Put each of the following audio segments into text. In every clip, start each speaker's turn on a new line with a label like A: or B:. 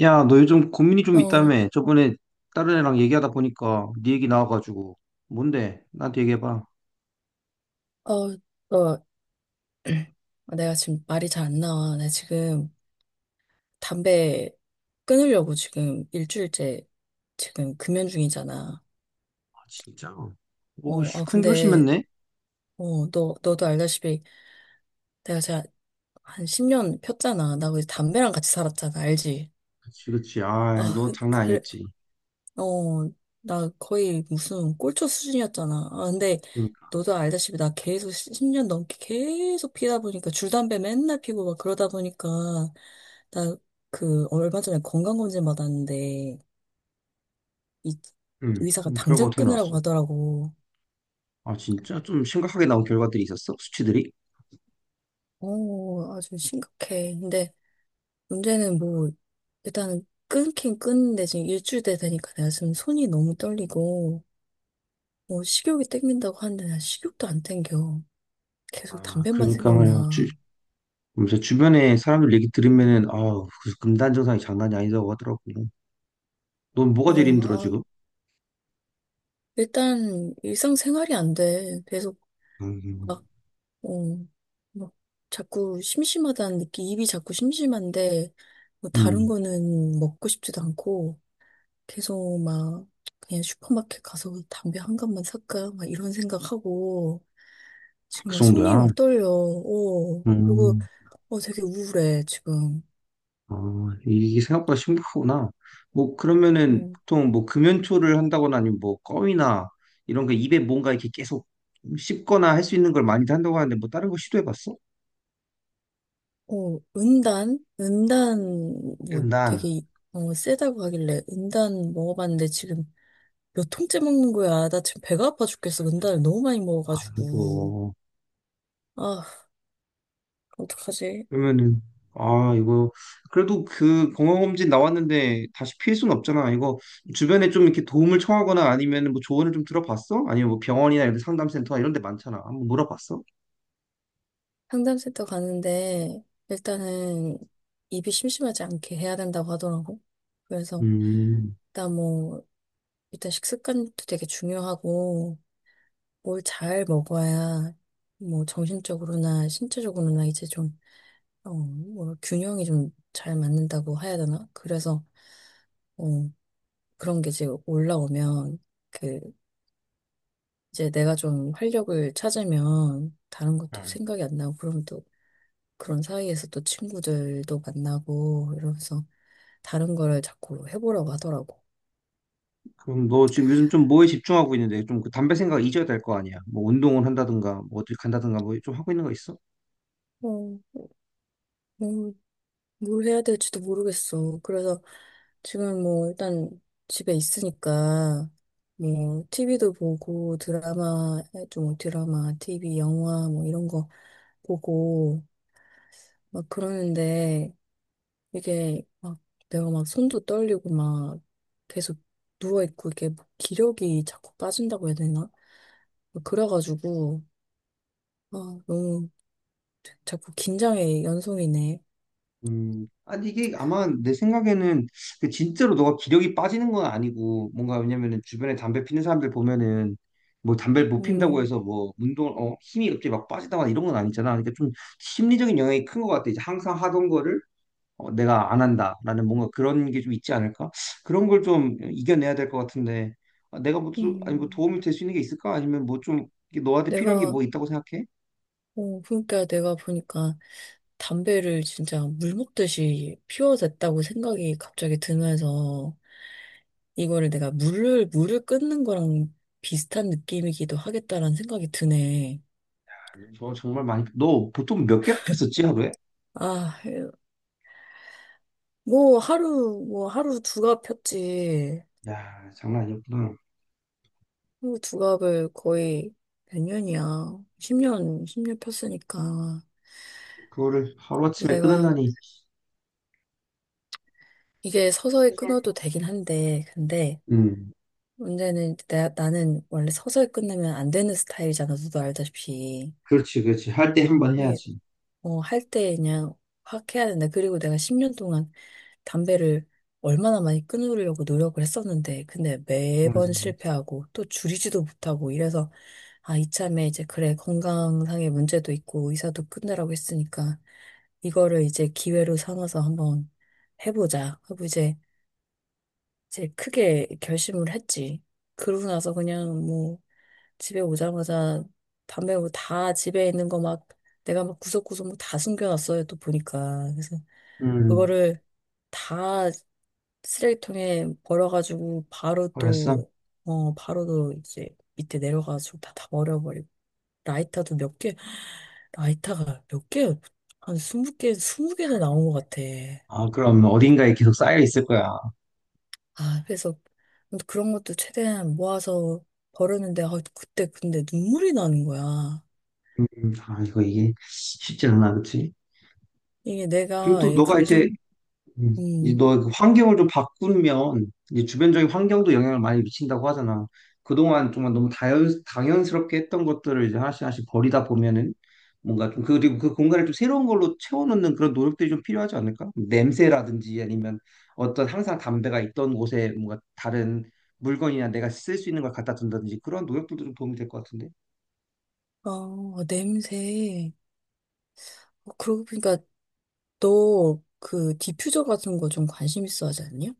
A: 야, 너 요즘 고민이 좀
B: 어,
A: 있다며. 저번에 다른 애랑 얘기하다 보니까 네 얘기 나와가지고. 뭔데? 나한테 얘기해봐.
B: 어, 너, 내가 지금 말이 잘 안 나와. 나 지금 담배 끊으려고 지금 일주일째 지금 금연 중이잖아.
A: 아, 진짜. 오, 씨, 큰
B: 근데,
A: 결심했네?
B: 너도 알다시피 내가 한 10년 폈잖아. 나 거기서 담배랑 같이 살았잖아. 알지?
A: 그치, 그치. 아,
B: 아,
A: 너
B: 그,
A: 장난
B: 그,
A: 아니었지.
B: 어, 나 거의 무슨 꼴초 수준이었잖아. 아, 근데
A: 그러니까.
B: 너도 알다시피 나 계속 10년 넘게 계속 피다 보니까 줄담배 맨날 피고 막 그러다 보니까 나 그 얼마 전에 건강검진 받았는데 이
A: 응.
B: 의사가
A: 결과
B: 당장
A: 어떻게
B: 끊으라고
A: 나왔어?
B: 하더라고.
A: 아, 진짜? 좀 심각하게 나온 결과들이 있었어? 수치들이?
B: 아주 심각해. 근데 문제는 뭐 일단은 끊긴 끊는데 지금 일주일 돼 되니까 내가 지금 손이 너무 떨리고 뭐 식욕이 땡긴다고 하는데 난 식욕도 안 땡겨. 계속
A: 아,
B: 담배만
A: 그러니까 말이야.
B: 생각나.
A: 그래서 주변에 사람들 얘기 들으면은, 아우, 그 금단 증상이 장난이 아니다고 하더라고. 넌
B: 어,
A: 뭐가 제일 힘들어,
B: 아,
A: 지금?
B: 일단 일상생활이 안 돼. 계속 막,
A: 음,
B: 어, 막 자꾸 심심하다는 느낌, 입이 자꾸 심심한데, 뭐 다른
A: 음,
B: 거는 먹고 싶지도 않고, 계속 막 그냥 슈퍼마켓 가서 담배 한 갑만 살까? 막 이런 생각하고, 지금
A: 그
B: 막 손이
A: 정도야.
B: 막 떨려. 그리고
A: 음,
B: 되게 우울해, 지금.
A: 아, 이게 생각보다 심각하구나. 뭐, 그러면은
B: 어.
A: 보통 뭐 금연초를 한다거나 아니면 뭐 껌이나 이런 거 입에 뭔가 이렇게 계속 씹거나 할 수 있는 걸 많이들 한다고 하는데 뭐 다른 거 시도해봤어?
B: 은단? 뭐
A: 난,
B: 되게, 세다고 하길래 은단 먹어봤는데 지금 몇 통째 먹는 거야. 나 지금 배가 아파 죽겠어. 은단을 너무 많이 먹어가지고.
A: 이거,
B: 아, 어떡하지?
A: 그러면은, 아, 이거, 그래도 그 건강검진 나왔는데 다시 피할 수는 없잖아. 이거 주변에 좀 이렇게 도움을 청하거나 아니면 뭐 조언을 좀 들어봤어? 아니면 뭐 병원이나 이런 상담센터 이런 데 많잖아. 한번 물어봤어?
B: 상담센터 가는데 일단은 입이 심심하지 않게 해야 된다고 하더라고. 그래서
A: 음.
B: 일단 뭐, 일단 식습관도 되게 중요하고 뭘 잘 먹어야 뭐 정신적으로나 신체적으로나 이제 좀 뭐 균형이 좀 잘 맞는다고 해야 되나? 그래서 어, 그런 게 이제 올라오면 그 이제 내가 좀 활력을 찾으면 다른 것도
A: 응.
B: 생각이 안 나고 그럼 또 그런 사이에서 또 친구들도 만나고 이러면서 다른 거를 자꾸 해보려고 하더라고.
A: 그럼 너 지금 요즘 좀 뭐에 집중하고 있는데 좀 그 담배 생각 잊어야 될 거 아니야? 뭐 운동을 한다든가 뭐 어디 간다든가 뭐 좀 하고 있는 거 있어?
B: 어, 음, 뭘 해야 될지도 모르겠어. 그래서 지금 뭐 일단 집에 있으니까 뭐 TV도 보고 드라마, TV, 영화 뭐 이런 거 보고 막 그러는데 이게 막 내가 막 손도 떨리고 막 계속 누워 있고 이게 뭐 기력이 자꾸 빠진다고 해야 되나? 막 그래가지고 아 너무 자꾸 긴장의 연속이네.
A: 아니 이게 아마 내 생각에는 그 진짜로 너가 기력이 빠지는 건 아니고 뭔가 왜냐면은 주변에 담배 피는 사람들 보면은 뭐 담배를 못 핀다고
B: 음,
A: 해서 뭐 운동을 어 힘이 갑자기 막 빠지다거나 이런 건 아니잖아. 그러니까 좀 심리적인 영향이 큰 것 같아. 이제 항상 하던 거를 어, 내가 안 한다라는 뭔가 그런 게 좀 있지 않을까? 그런 걸 좀 이겨내야 될 것 같은데 아, 내가 뭐 아니 뭐
B: 음.
A: 도움이 될 수 있는 게 있을까? 아니면 뭐 좀 너한테 필요한 게
B: 내가
A: 뭐 있다고 생각해?
B: 그러니까 내가 보니까 담배를 진짜 물 먹듯이 피워댔다고 생각이 갑자기 들면서 이거를 내가 물을 끊는 거랑 비슷한 느낌이기도 하겠다라는 생각이 드네.
A: 저 정말 많이 너 보통 몇 개나 폈었지 하루에?
B: 아, 뭐 하루 두갑 폈지.
A: 야 장난 아니었구나.
B: 하루 두 갑을 거의 몇 년이야. 10년, 10년 폈으니까.
A: 그거를
B: 그래서
A: 하루아침에
B: 내가
A: 끊으려니.
B: 이게 서서히 끊어도 되긴 한데, 근데
A: 음,
B: 문제는 나는 원래 서서히 끝내면 안 되는 스타일이잖아. 너도 알다시피.
A: 그렇지, 그렇지. 할 때 한 번
B: 이게
A: 해야지.
B: 뭐 할 때 그냥 확 해야 된다. 그리고 내가 10년 동안 담배를 얼마나 많이 끊으려고 노력을 했었는데, 근데
A: 맞아,
B: 매번
A: 맞아.
B: 실패하고 또 줄이지도 못하고 이래서, 이참에 이제 그래, 건강상의 문제도 있고 의사도 끝내라고 했으니까, 이거를 이제 기회로 삼아서 한번 해보자. 하고 이제, 크게 결심을 했지. 그러고 나서 그냥 뭐, 집에 오자마자 담배 뭐다 집에 있는 거 막 내가 막 구석구석 뭐 다 숨겨놨어요. 또 보니까. 그래서
A: 음,
B: 그거를 다 쓰레기통에 버려가지고 바로
A: 그랬어?
B: 또, 바로 또 이제 밑에 내려가지고 다 버려버리고. 라이터도 몇 개, 라이터가 몇 개, 한 20개, 20개나 나온 것 같아.
A: 아, 그럼 어딘가에 계속 쌓여 있을 거야.
B: 아, 그래서 그런 것도 최대한 모아서 버렸는데, 아, 그때 근데 눈물이 나는 거야.
A: 아, 이거 이게 쉽지 않아, 그치?
B: 이게
A: 그리고
B: 내가
A: 또
B: 이
A: 너가 이제
B: 감정.
A: 음.
B: 음,
A: 이너그 환경을 좀 바꾸면 이제 주변적인 환경도 영향을 많이 미친다고 하잖아. 그동안 정말 너무 당연스럽게 했던 것들을 이제 하나씩 하나씩 버리다 보면은 뭔가 좀 그리고 그 공간을 좀 새로운 걸로 채워넣는 그런 노력들이 좀 필요하지 않을까? 냄새라든지 아니면 어떤 항상 담배가 있던 곳에 뭔가 다른 물건이나 내가 쓸 수 있는 걸 갖다 둔다든지 그런 노력들도 좀 도움이 될 것 같은데.
B: 아, 냄새. 그러고 보니까 너 그 디퓨저 같은 거 좀 관심 있어 하지 않냐?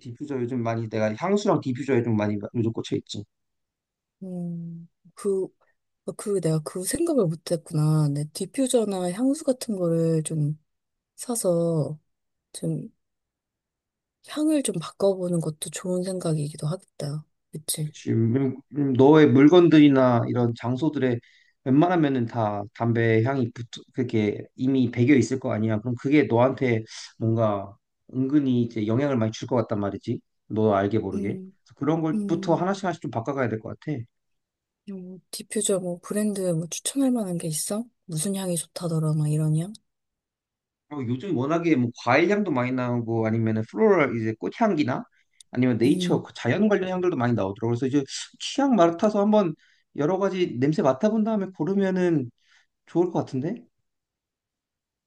A: 디퓨저 요즘 많이 내가 향수랑 디퓨저에 좀 많이 요즘 꽂혀 있지.
B: 음, 그, 그 내가 그 생각을 못 했구나. 내 디퓨저나 향수 같은 거를 좀 사서 좀 향을 좀 바꿔보는 것도 좋은 생각이기도 하겠다. 그치?
A: 지금 너의 물건들이나 이런 장소들에 웬만하면은 다 담배 향이 붙어 그게 이미 배겨 있을 거 아니야. 그럼 그게 너한테 뭔가 은근히 이제 영향을 많이 줄 것 같단 말이지. 너 알게 모르게.
B: 음,
A: 그래서 그런 걸부터
B: 음,
A: 하나씩 하나씩 좀 바꿔가야 될 것 같아.
B: 디퓨저 뭐 브랜드 뭐 추천할 만한 게 있어? 무슨 향이 좋다더라, 막 이런 향?
A: 그리고 요즘 워낙에 뭐 과일 향도 많이 나오고 아니면은 플로럴 이제 꽃향기나 아니면 네이처
B: 음,
A: 그 자연 관련 향들도 많이 나오더라고. 그래서 이제 취향 맡아서 한번 여러 가지 냄새 맡아본 다음에 고르면은 좋을 것 같은데?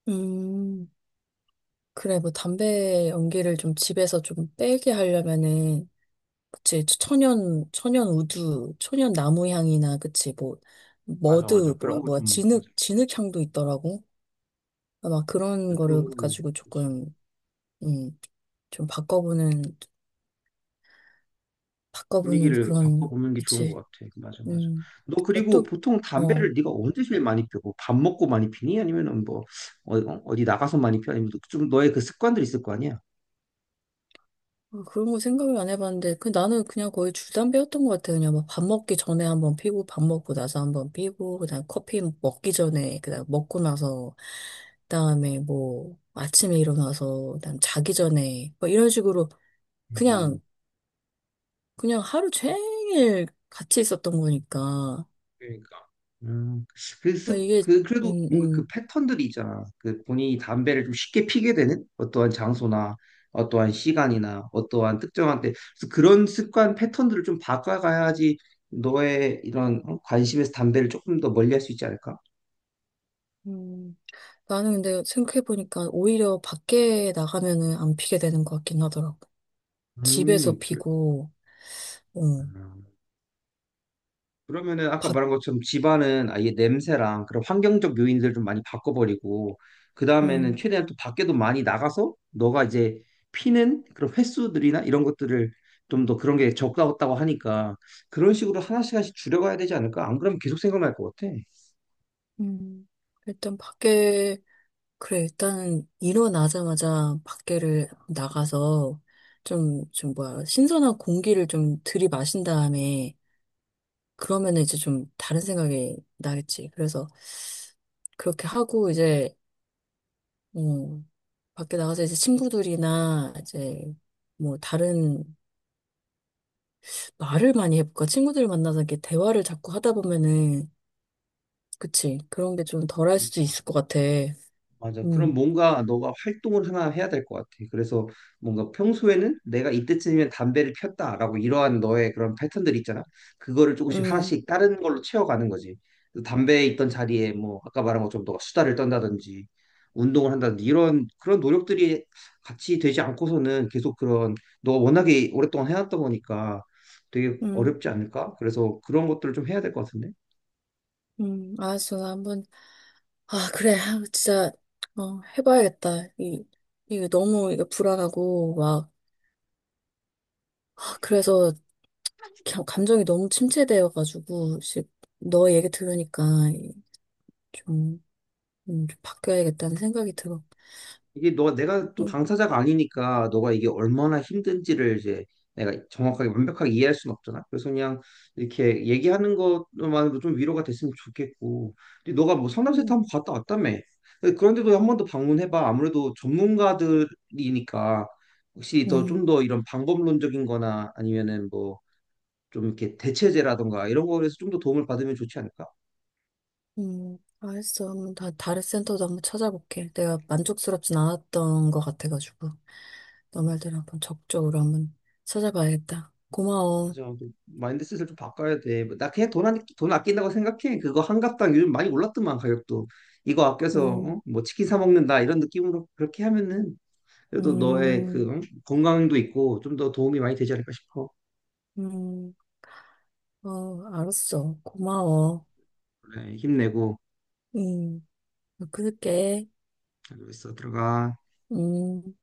B: 음. 그래, 뭐 담배 연기를 좀 집에서 좀 빼게 하려면은, 그치, 천연, 천연 우두, 천연 나무 향이나, 그치, 뭐,
A: 맞아, 맞아.
B: 머드,
A: 그런 거
B: 뭐야,
A: 좀,
B: 진흙,
A: 맞아.
B: 진흙 향도 있더라고. 막 그런
A: 네,
B: 거를
A: 그런 걸로,
B: 가지고
A: 그치.
B: 조금, 음, 좀 바꿔보는
A: 분위기를
B: 그런,
A: 바꿔보는 게 좋은 것
B: 그치,
A: 같아. 그 맞아, 맞아.
B: 음.
A: 너
B: 뭐
A: 그리고
B: 또,
A: 보통
B: 어,
A: 담배를 네가 언제 제일 많이 피워? 뭐 밥 먹고 많이 피니? 아니면은 뭐, 어, 어, 어디 나가서 많이 피워? 아니면 좀 너의 그 습관들이 있을 거 아니야?
B: 그런 거 생각을 안 해봤는데, 그 나는 그냥 거의 줄담배였던 것 같아요. 그냥 막 밥 먹기 전에 한번 피고, 밥 먹고 나서 한번 피고, 그다음 커피 먹기 전에, 그다음 먹고 나서, 그다음에 뭐 아침에 일어나서, 그다음 자기 전에, 뭐 이런 식으로
A: 음,
B: 그냥 그냥 하루 종일 같이 있었던 거니까
A: 그러니까. 음, 그래서
B: 뭐 이게
A: 그 그래도
B: 음,
A: 뭔가 그
B: 음.
A: 패턴들이 있잖아. 그 본인이 담배를 좀 쉽게 피게 되는 어떠한 장소나 어떠한 시간이나 어떠한 특정한 때 그래서 그런 습관 패턴들을 좀 바꿔가야지 너의 이런 어? 관심에서 담배를 조금 더 멀리할 수 있지 않을까?
B: 음, 나는 근데 생각해보니까 오히려 밖에 나가면은 안 피게 되는 것 같긴 하더라고. 집에서
A: 그래.
B: 피고, 어,
A: 그러면은 아까
B: 밖,
A: 말한 것처럼 집안은 아예 냄새랑 그런 환경적 요인들을 좀 많이 바꿔버리고 그 다음에는 최대한 또 밖에도 많이 나가서 너가 이제 피는 그런 횟수들이나 이런 것들을 좀 더 그런 게 적다고 하니까 그런 식으로 하나씩 하나씩 줄여가야 되지 않을까? 안 그러면 계속 생각날 것 같아.
B: 음, 일단 밖에, 그래, 일단 일어나자마자 밖에를 나가서 좀 뭐야, 신선한 공기를 좀 들이마신 다음에 그러면 이제 좀 다른 생각이 나겠지. 그래서 그렇게 하고 이제, 음, 밖에 나가서 이제 친구들이나 이제 뭐 다른 말을 많이 해볼까? 친구들 만나서 이렇게 대화를 자꾸 하다 보면은, 그치. 그런 게 좀 덜할 수도
A: 그렇지.
B: 있을 것 같아.
A: 맞아. 그럼
B: 음,
A: 뭔가 너가 활동을 하나 해야 될 것 같아. 그래서 뭔가 평소에는 내가 이때쯤이면 담배를 폈다라고 이러한 너의 그런 패턴들 있잖아. 그거를 조금씩
B: 음,
A: 하나씩 다른 걸로 채워가는 거지. 그래서 담배에 있던 자리에 뭐 아까 말한 것처럼 너가 수다를 떤다든지 운동을 한다든지 이런 그런 노력들이 같이 되지 않고서는 계속 그런 너가 워낙에 오랫동안 해왔던 거니까 되게
B: 음.
A: 어렵지 않을까? 그래서 그런 것들을 좀 해야 될 것 같은데.
B: 알았어. 나 한번 아, 그래. 아, 진짜, 해봐야겠다. 이게 너무, 이게 불안하고, 막, 아, 그래서 감정이 너무 침체되어가지고, 씨, 너 얘기 들으니까 이- 좀, 좀 바뀌어야겠다는 생각이 들어.
A: 이게 너 내가 또
B: 음,
A: 당사자가 아니니까 너가 이게 얼마나 힘든지를 이제 내가 정확하게 완벽하게 이해할 수는 없잖아. 그래서 그냥 이렇게 얘기하는 것만으로 좀 위로가 됐으면 좋겠고. 근데 너가 뭐 상담센터
B: 음,
A: 한번 갔다 왔다며. 근데 그런데도 한 번 더 방문해봐. 아무래도 전문가들이니까 혹시 더
B: 음,
A: 좀 더 이런 방법론적인 거나 아니면은 뭐 좀 이렇게 대체제라던가 이런 거에서 좀 더 도움을 받으면 좋지 않을까?
B: 알았어. 한번 다른 센터도 한번 찾아볼게. 내가 만족스럽진 않았던 것 같아가지고, 너 말대로 한번 적극적으로 한번 찾아봐야겠다. 고마워.
A: 그래서 그 마인드셋을 좀 바꿔야 돼. 뭐나 그냥 돈, 안, 돈 아낀다고 생각해. 그거 한 갑당 요즘 많이 올랐더만 가격도. 이거 아껴서
B: 음,
A: 어? 뭐 치킨 사 먹는다 이런 느낌으로 그렇게 하면은 그래도 너의 그
B: 음,
A: 응? 건강도 있고 좀 더 도움이 많이 되지 않을까 싶어.
B: 음. 알았어. 고마워.
A: 그래, 힘내고
B: 응, 그럴게.
A: 잘 있어 들어가.
B: 음.